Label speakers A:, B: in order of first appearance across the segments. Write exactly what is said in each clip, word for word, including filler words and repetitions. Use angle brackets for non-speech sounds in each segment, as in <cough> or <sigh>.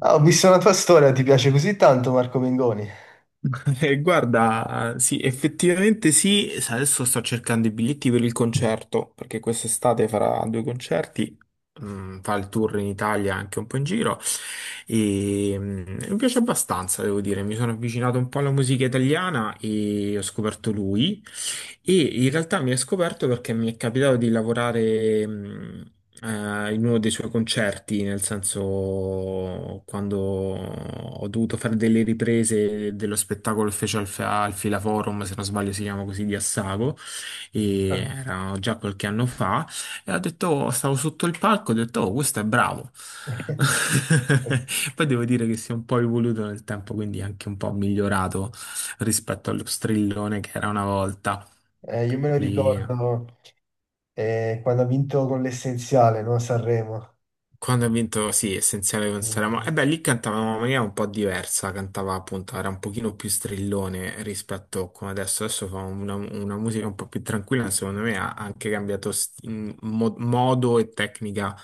A: Ah, ho visto una tua storia, ti piace così tanto Marco Mengoni?
B: <laughs> Eh, Guarda, sì, effettivamente sì, s- adesso sto cercando i biglietti per il concerto, perché quest'estate farà due concerti, mm, fa il tour in Italia anche un po' in giro e mm, mi piace abbastanza, devo dire, mi sono avvicinato un po' alla musica italiana e ho scoperto lui e in realtà mi è scoperto perché mi è capitato di lavorare mh, eh, in uno dei suoi concerti, nel senso quando ho dovuto fare delle riprese dello spettacolo che fece al, al Filaforum, se non sbaglio si chiama così, di Assago, e
A: Ah.
B: era già qualche anno fa, e ho detto, stavo sotto il palco, ho detto, oh, questo è bravo.
A: <laughs>
B: <laughs> Poi devo dire che si è un po' evoluto nel tempo, quindi anche un po' migliorato rispetto allo strillone che era una volta.
A: Eh, io me lo
B: Sì,
A: ricordo eh, quando ha vinto con l'Essenziale, no? Sanremo.
B: quando ha vinto, sì, essenziale con Sanremo.
A: Oddio,
B: E beh, lì cantava in una maniera un po' diversa, cantava appunto, era un pochino più strillone rispetto a come adesso. Adesso fa una, una musica un po' più tranquilla, secondo me ha anche cambiato st- in mo- modo e tecnica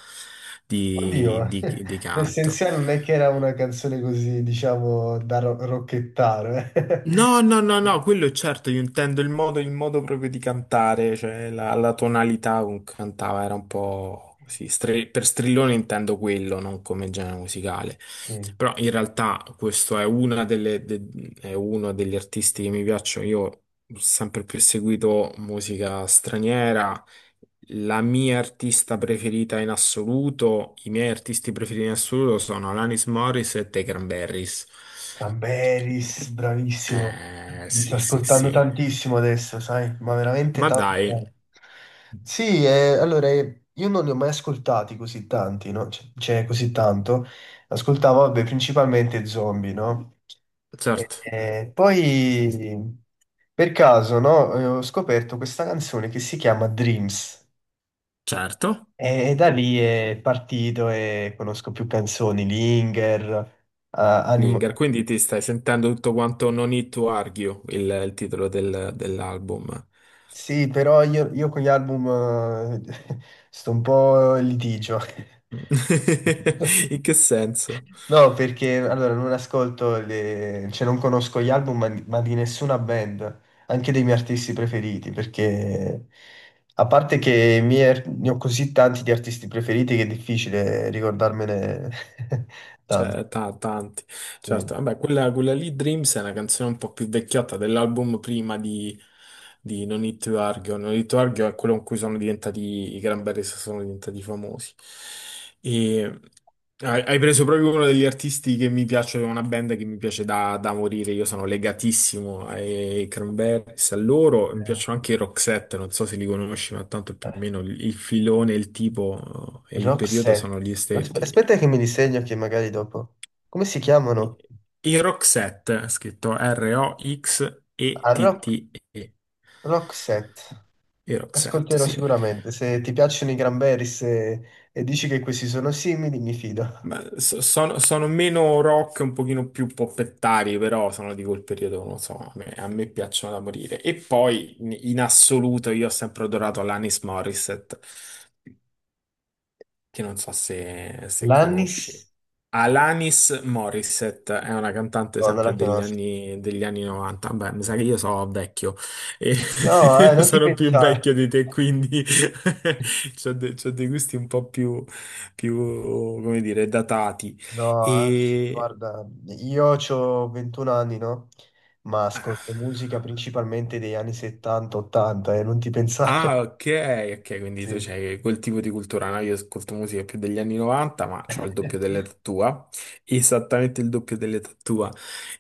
A: <laughs>
B: di, di- di canto.
A: l'Essenziale non è che era una canzone così, diciamo, da ro- rocchettaro. Eh.
B: No, no, no,
A: <laughs>
B: no, quello è certo, io intendo il modo, il modo proprio di cantare, cioè la, la tonalità con cui cantava era un po' così, stri- per strillone intendo quello, non come genere musicale,
A: Sì.
B: però in realtà questo è, una delle, de- è uno degli artisti che mi piacciono, io ho sempre più seguito musica straniera, la mia artista preferita in assoluto, i miei artisti preferiti in assoluto sono Alanis Morris e The Cranberries.
A: Ramberis, bravissimo.
B: Eh,
A: Mi sto
B: sì, sì,
A: ascoltando
B: sì.
A: tantissimo adesso, sai, ma veramente
B: Ma
A: tanto.
B: dai,
A: Bene. Sì, eh, allora, eh, io non li ho mai ascoltati così tanti, no? Cioè, cioè, così tanto. Ascoltavo, vabbè, principalmente zombie, no? E-
B: certo,
A: e poi, per caso, no, eh, ho scoperto questa canzone che si chiama Dreams.
B: certo.
A: E, e da lì è partito e conosco più canzoni, Linger, eh, Animo-
B: Linger, quindi ti stai sentendo tutto quanto No Need to Argue, il, il titolo del- dell'album.
A: Sì, però io, io con gli album eh, <laughs> sto un po' in litigio. <laughs>
B: <laughs> In che senso?
A: No, perché allora non ascolto, le... cioè non conosco gli album, ma, ma di nessuna band, anche dei miei artisti preferiti, perché a parte che i miei ar- ne ho così tanti di artisti preferiti che è difficile ricordarmene <laughs> tanti.
B: Cioè, ta- tanti,
A: Sì.
B: certo. Vabbè, quella, quella lì, Dreams, è una canzone un po' più vecchiotta dell'album prima di, di No Need to Argue. No Need to Argue è quello con cui sono diventati, i Cranberries sono diventati famosi. E hai, hai preso proprio uno degli artisti che mi piace, una band che mi piace da, da morire. Io sono legatissimo ai Cranberries, a loro. Mi
A: Eh,
B: piacciono anche i Roxette, non so se li conosci, ma tanto più o
A: eh,
B: meno il il filone, il tipo eh, e il periodo
A: Roxette.
B: sono gli stessi.
A: Aspe- Aspetta che mi disegno che magari dopo. Come si chiamano?
B: I Roxette, scritto
A: Ah, Rock.
B: R-O-X-E-T-T-E.
A: Roxette,
B: I Roxette,
A: ascolterò
B: sì.
A: sicuramente. Se ti piacciono i Cranberries e, e dici che questi sono simili, mi fido.
B: Ma so- sono, sono meno rock, un pochino più poppettari, però sono di quel periodo, non so, a me, a me piacciono da morire. E poi, in in assoluto, io ho sempre adorato l'Anis Morissette. Che non so se, se conosci.
A: Lannis?
B: Alanis Morissette è una cantante
A: No, non la
B: sempre degli
A: conosco.
B: anni, degli anni novanta. Beh, mi sa che io sono vecchio e
A: No, eh,
B: <laughs>
A: non ti
B: sono più
A: pensare.
B: vecchio di te, quindi <laughs> c'ho de- c'ho dei gusti un po' più, più, come dire, datati.
A: No, anzi,
B: E
A: guarda, io ho ventuno anni, no? Ma ascolto musica principalmente degli anni settanta ottanta, e non ti pensare.
B: ah, ok,
A: <laughs>
B: ok, quindi tu
A: Sì. Sì.
B: c'hai quel tipo di cultura, no? Io ascolto musica più degli anni novanta, ma ho il doppio
A: <laughs>
B: dell'età tua, esattamente il doppio dell'età tua.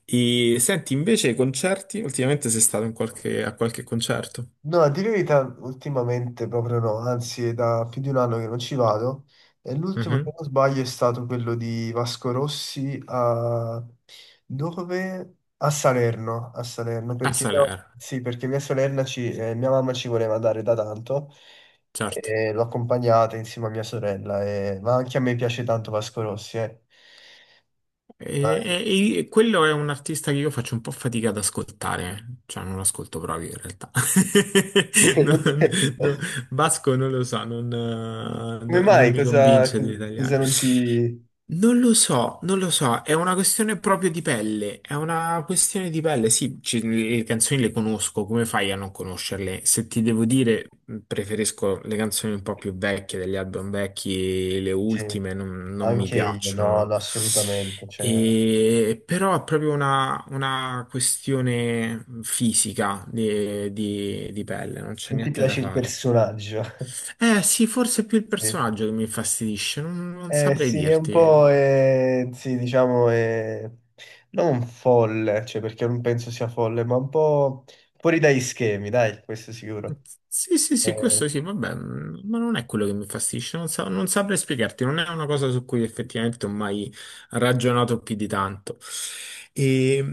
B: E senti, invece, i concerti, ultimamente sei stato in qualche- a qualche concerto?
A: No, a dire la verità, ultimamente proprio no, anzi è da più di un anno che non ci vado. E l'ultimo, se
B: Mhm.
A: non sbaglio, è stato quello di Vasco Rossi a... dove? A Salerno, a Salerno,
B: A
A: perché,
B: Salerno,
A: sì, perché mia sorella ci, eh, mia mamma ci voleva andare da tanto
B: certo.
A: e l'ho accompagnata insieme a mia sorella, e- ma anche a me piace tanto Vasco Rossi, eh.
B: E,
A: Dai.
B: e- e quello è un artista che io faccio un po' fatica ad ascoltare, cioè non ascolto proprio in realtà. <laughs> Non-
A: <laughs>
B: non- Vasco non lo so, non, eh,
A: Come
B: no- non
A: mai?
B: mi
A: Cosa,
B: convince di italiani.
A: cosa non ti...
B: Non lo so, non lo so, è una questione proprio di pelle, è una questione di pelle, sì, ci- le canzoni le conosco, come fai a non conoscerle? Se ti devo dire, preferisco le canzoni un po' più vecchie degli album vecchi, le
A: Sì.
B: ultime non, non mi
A: Anche io, no,
B: piacciono.
A: no, assolutamente. Cioè,
B: E- però è proprio una, una questione fisica di, di- di pelle, non c'è
A: non ti
B: niente da
A: piace il
B: fare.
A: personaggio. <laughs>
B: Eh sì, forse è più il
A: Sì.
B: personaggio che mi infastidisce, non, non
A: Eh
B: saprei
A: sì, è un
B: dirti.
A: po', eh, sì, diciamo, eh, non folle, cioè perché non penso sia folle, ma un po' fuori dai schemi, dai, questo sicuro.
B: Sì, sì, sì,
A: Eh,
B: questo sì, vabbè, mm, ma non è quello che mi infastidisce, non, sa- non saprei spiegarti, non è una cosa su cui effettivamente ho mai ragionato più di tanto. E,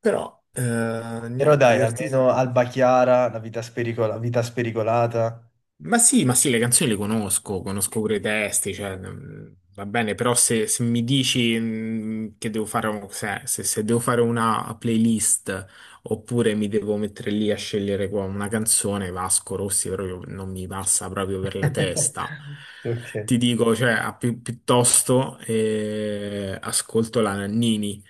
B: però, eh,
A: però
B: niente,
A: dai, almeno
B: dirti.
A: Alba Chiara, la vita spericola- vita spericolata.
B: Ma sì, ma sì, le canzoni le conosco, conosco pure i testi, cioè, mm, va bene, però se, se mi dici mm, che devo fare, un- se, se- se devo fare una playlist oppure mi devo mettere lì a scegliere qua una canzone, Vasco Rossi proprio non mi passa proprio per la testa.
A: <laughs> Ok.
B: Ti dico, cioè, a pi- piuttosto eh, ascolto la Nannini.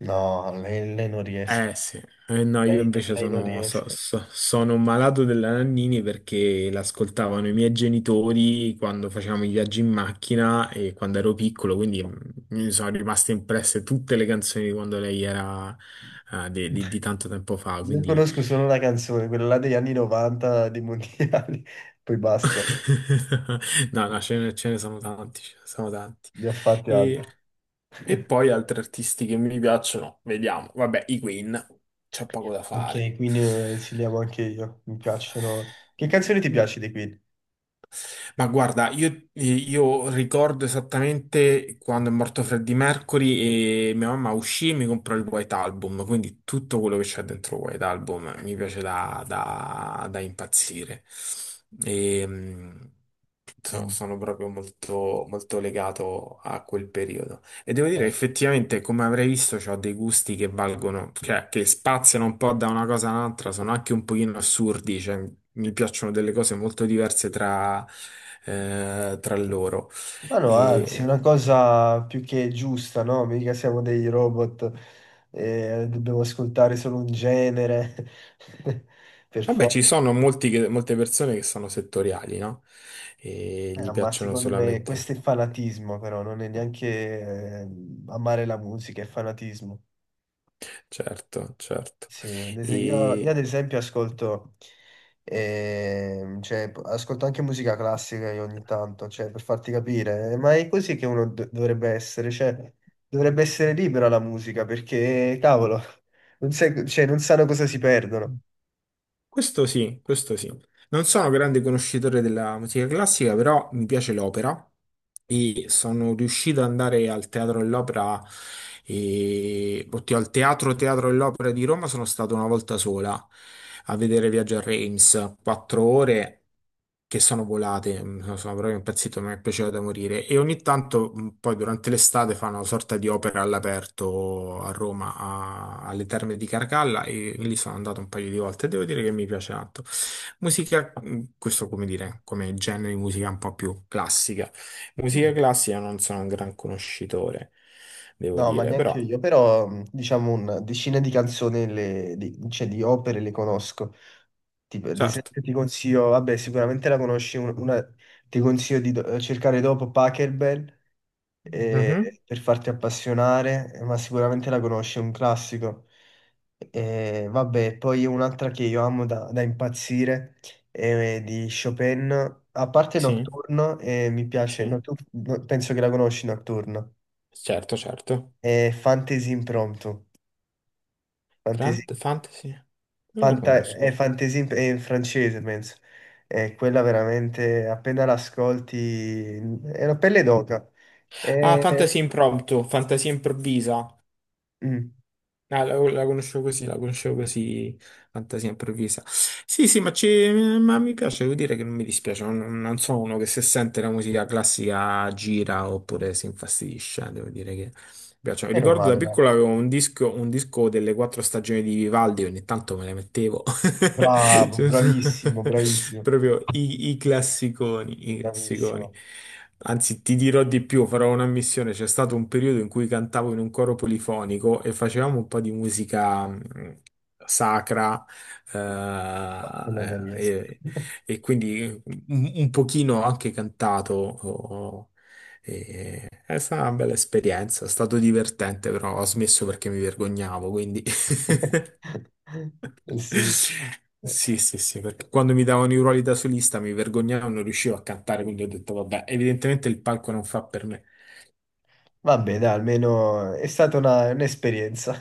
A: No, lei, lei non riesco.
B: Eh sì, eh, no, io
A: Lei,
B: invece
A: lei non
B: sono, so-
A: riesco.
B: so- sono un malato della Nannini perché l'ascoltavano i miei genitori quando facevamo i viaggi in macchina e quando ero piccolo, quindi mm, mi sono rimaste impresse tutte le canzoni di quando lei era eh, di, di- di tanto tempo fa,
A: Io
B: quindi
A: conosco solo una canzone, quella là degli anni novanta dei mondiali, <laughs> poi basta,
B: <laughs> no, no, ce ne, ce ne sono tanti, ce ne sono tanti.
A: ne ho fatte altre.
B: E, e
A: <laughs>
B: poi altri artisti che mi piacciono, vediamo, vabbè, i Queen, c'è poco da fare.
A: Ok, quindi eh, sì, li amo anche io, mi piacciono. Che canzoni ti piace dei Queen?
B: Ma guarda, io, io ricordo esattamente quando è morto Freddie Mercury e mia mamma uscì e mi comprò il White Album, quindi tutto quello che c'è dentro il White Album mi piace da, da- da impazzire. E, mh, so-
A: Mm.
B: sono proprio molto, molto legato a quel periodo. E devo dire,
A: Eh.
B: effettivamente, come avrei visto, ho dei gusti che valgono, cioè che spaziano un po' da una cosa all'altra, sono anche un pochino assurdi, cioè, mi piacciono delle cose molto diverse tra, eh, tra loro.
A: Ma no, anzi,
B: E,
A: una cosa più che giusta, no? Mica siamo dei robot e dobbiamo ascoltare solo un genere, <laughs> per
B: vabbè,
A: forza.
B: ci sono molti che- molte persone che sono settoriali, no? E gli
A: Eh, ma
B: piacciono
A: secondo me
B: solamente.
A: questo è fanatismo, però non è neanche eh, amare la musica, è fanatismo.
B: Certo, certo.
A: Sì, ad es- io, io ad
B: E
A: esempio ascolto, ehm, cioè, p- ascolto anche musica classica io ogni tanto, cioè, per farti capire, eh, ma è così che uno do- dovrebbe essere, cioè, dovrebbe essere libera la musica, perché, cavolo, <laughs> non sai- cioè, non sanno cosa si perdono.
B: questo sì, questo sì. Non sono un grande conoscitore della musica classica, però mi piace l'opera e sono riuscito ad andare al Teatro dell'Opera, e... oddio, al Teatro Teatro dell'Opera di Roma sono stato una volta sola a vedere Viaggio a Reims, quattro ore che sono volate, mm, sono sono proprio impazzito, mi è piaciuto da morire e ogni tanto mm, poi durante l'estate fanno una sorta di opera all'aperto a Roma, a- alle Terme di Carcalla e lì sono andato un paio di volte, devo dire che mi piace tanto. Musica, mh, questo come dire, come genere di musica un po' più classica. Musica
A: Mm.
B: classica non sono un gran conoscitore, devo
A: No, ma
B: dire, però
A: neanche io, però mh, diciamo un decine di canzoni, le- di, cioè di opere le conosco. Tipo, ad
B: certo.
A: esempio ti consiglio, vabbè, sicuramente la conosci, un- una, ti consiglio di do- cercare dopo Pachelbel,
B: Mhm,
A: eh, per farti appassionare, eh, ma sicuramente la conosci, è un classico. Eh, vabbè, poi un'altra che io amo da, da impazzire è di Chopin, a parte
B: sì,
A: Nocturno, eh, mi piace,
B: sì,
A: Noctu- no- penso che la conosci Nocturno,
B: certo, certo.
A: è Fantasy Impromptu, Fantasy,
B: Fant- Fantasy? Non lo
A: fanta- è
B: conosco.
A: Fantasy imp- è in francese, penso. È quella veramente, appena l'ascolti, è una pelle d'oca.
B: Ah,
A: E...
B: Fantasy Impromptu, Fantasia Improvvisa.
A: mm,
B: Ah, la, la conoscevo così, la conoscevo così, fantasia improvvisa. Sì, sì, ma, ci- ma mi piace, devo dire che non mi dispiace, non, non sono uno che se sente la musica classica gira oppure si infastidisce, devo dire mi piacciono.
A: meno
B: Ricordo da
A: male, dai.
B: piccolo avevo un disco, un disco delle quattro stagioni di Vivaldi, ogni tanto me le mettevo. <laughs>
A: Bravo,
B: Cioè, so-
A: bravissimo,
B: <laughs>
A: bravissimo,
B: proprio i, i classiconi, i classiconi.
A: bravissimo.
B: Anzi, ti dirò di più, farò una missione. C'è stato un periodo in cui cantavo in un coro polifonico e facevamo un po' di musica mh, sacra eh,
A: Ma quello non
B: eh,
A: riesco.
B: e, e quindi un, un pochino anche cantato. Oh, oh, e è stata una bella esperienza, è stato divertente, però ho smesso perché mi vergognavo, quindi...
A: <laughs> Eh sì.
B: <laughs>
A: Eh,
B: Sì, sì, sì, perché quando mi davano i ruoli da solista mi vergognavo, non riuscivo a cantare, quindi ho detto, vabbè, evidentemente il palco non fa per me.
A: vabbè, dai, almeno è stata una- un'esperienza.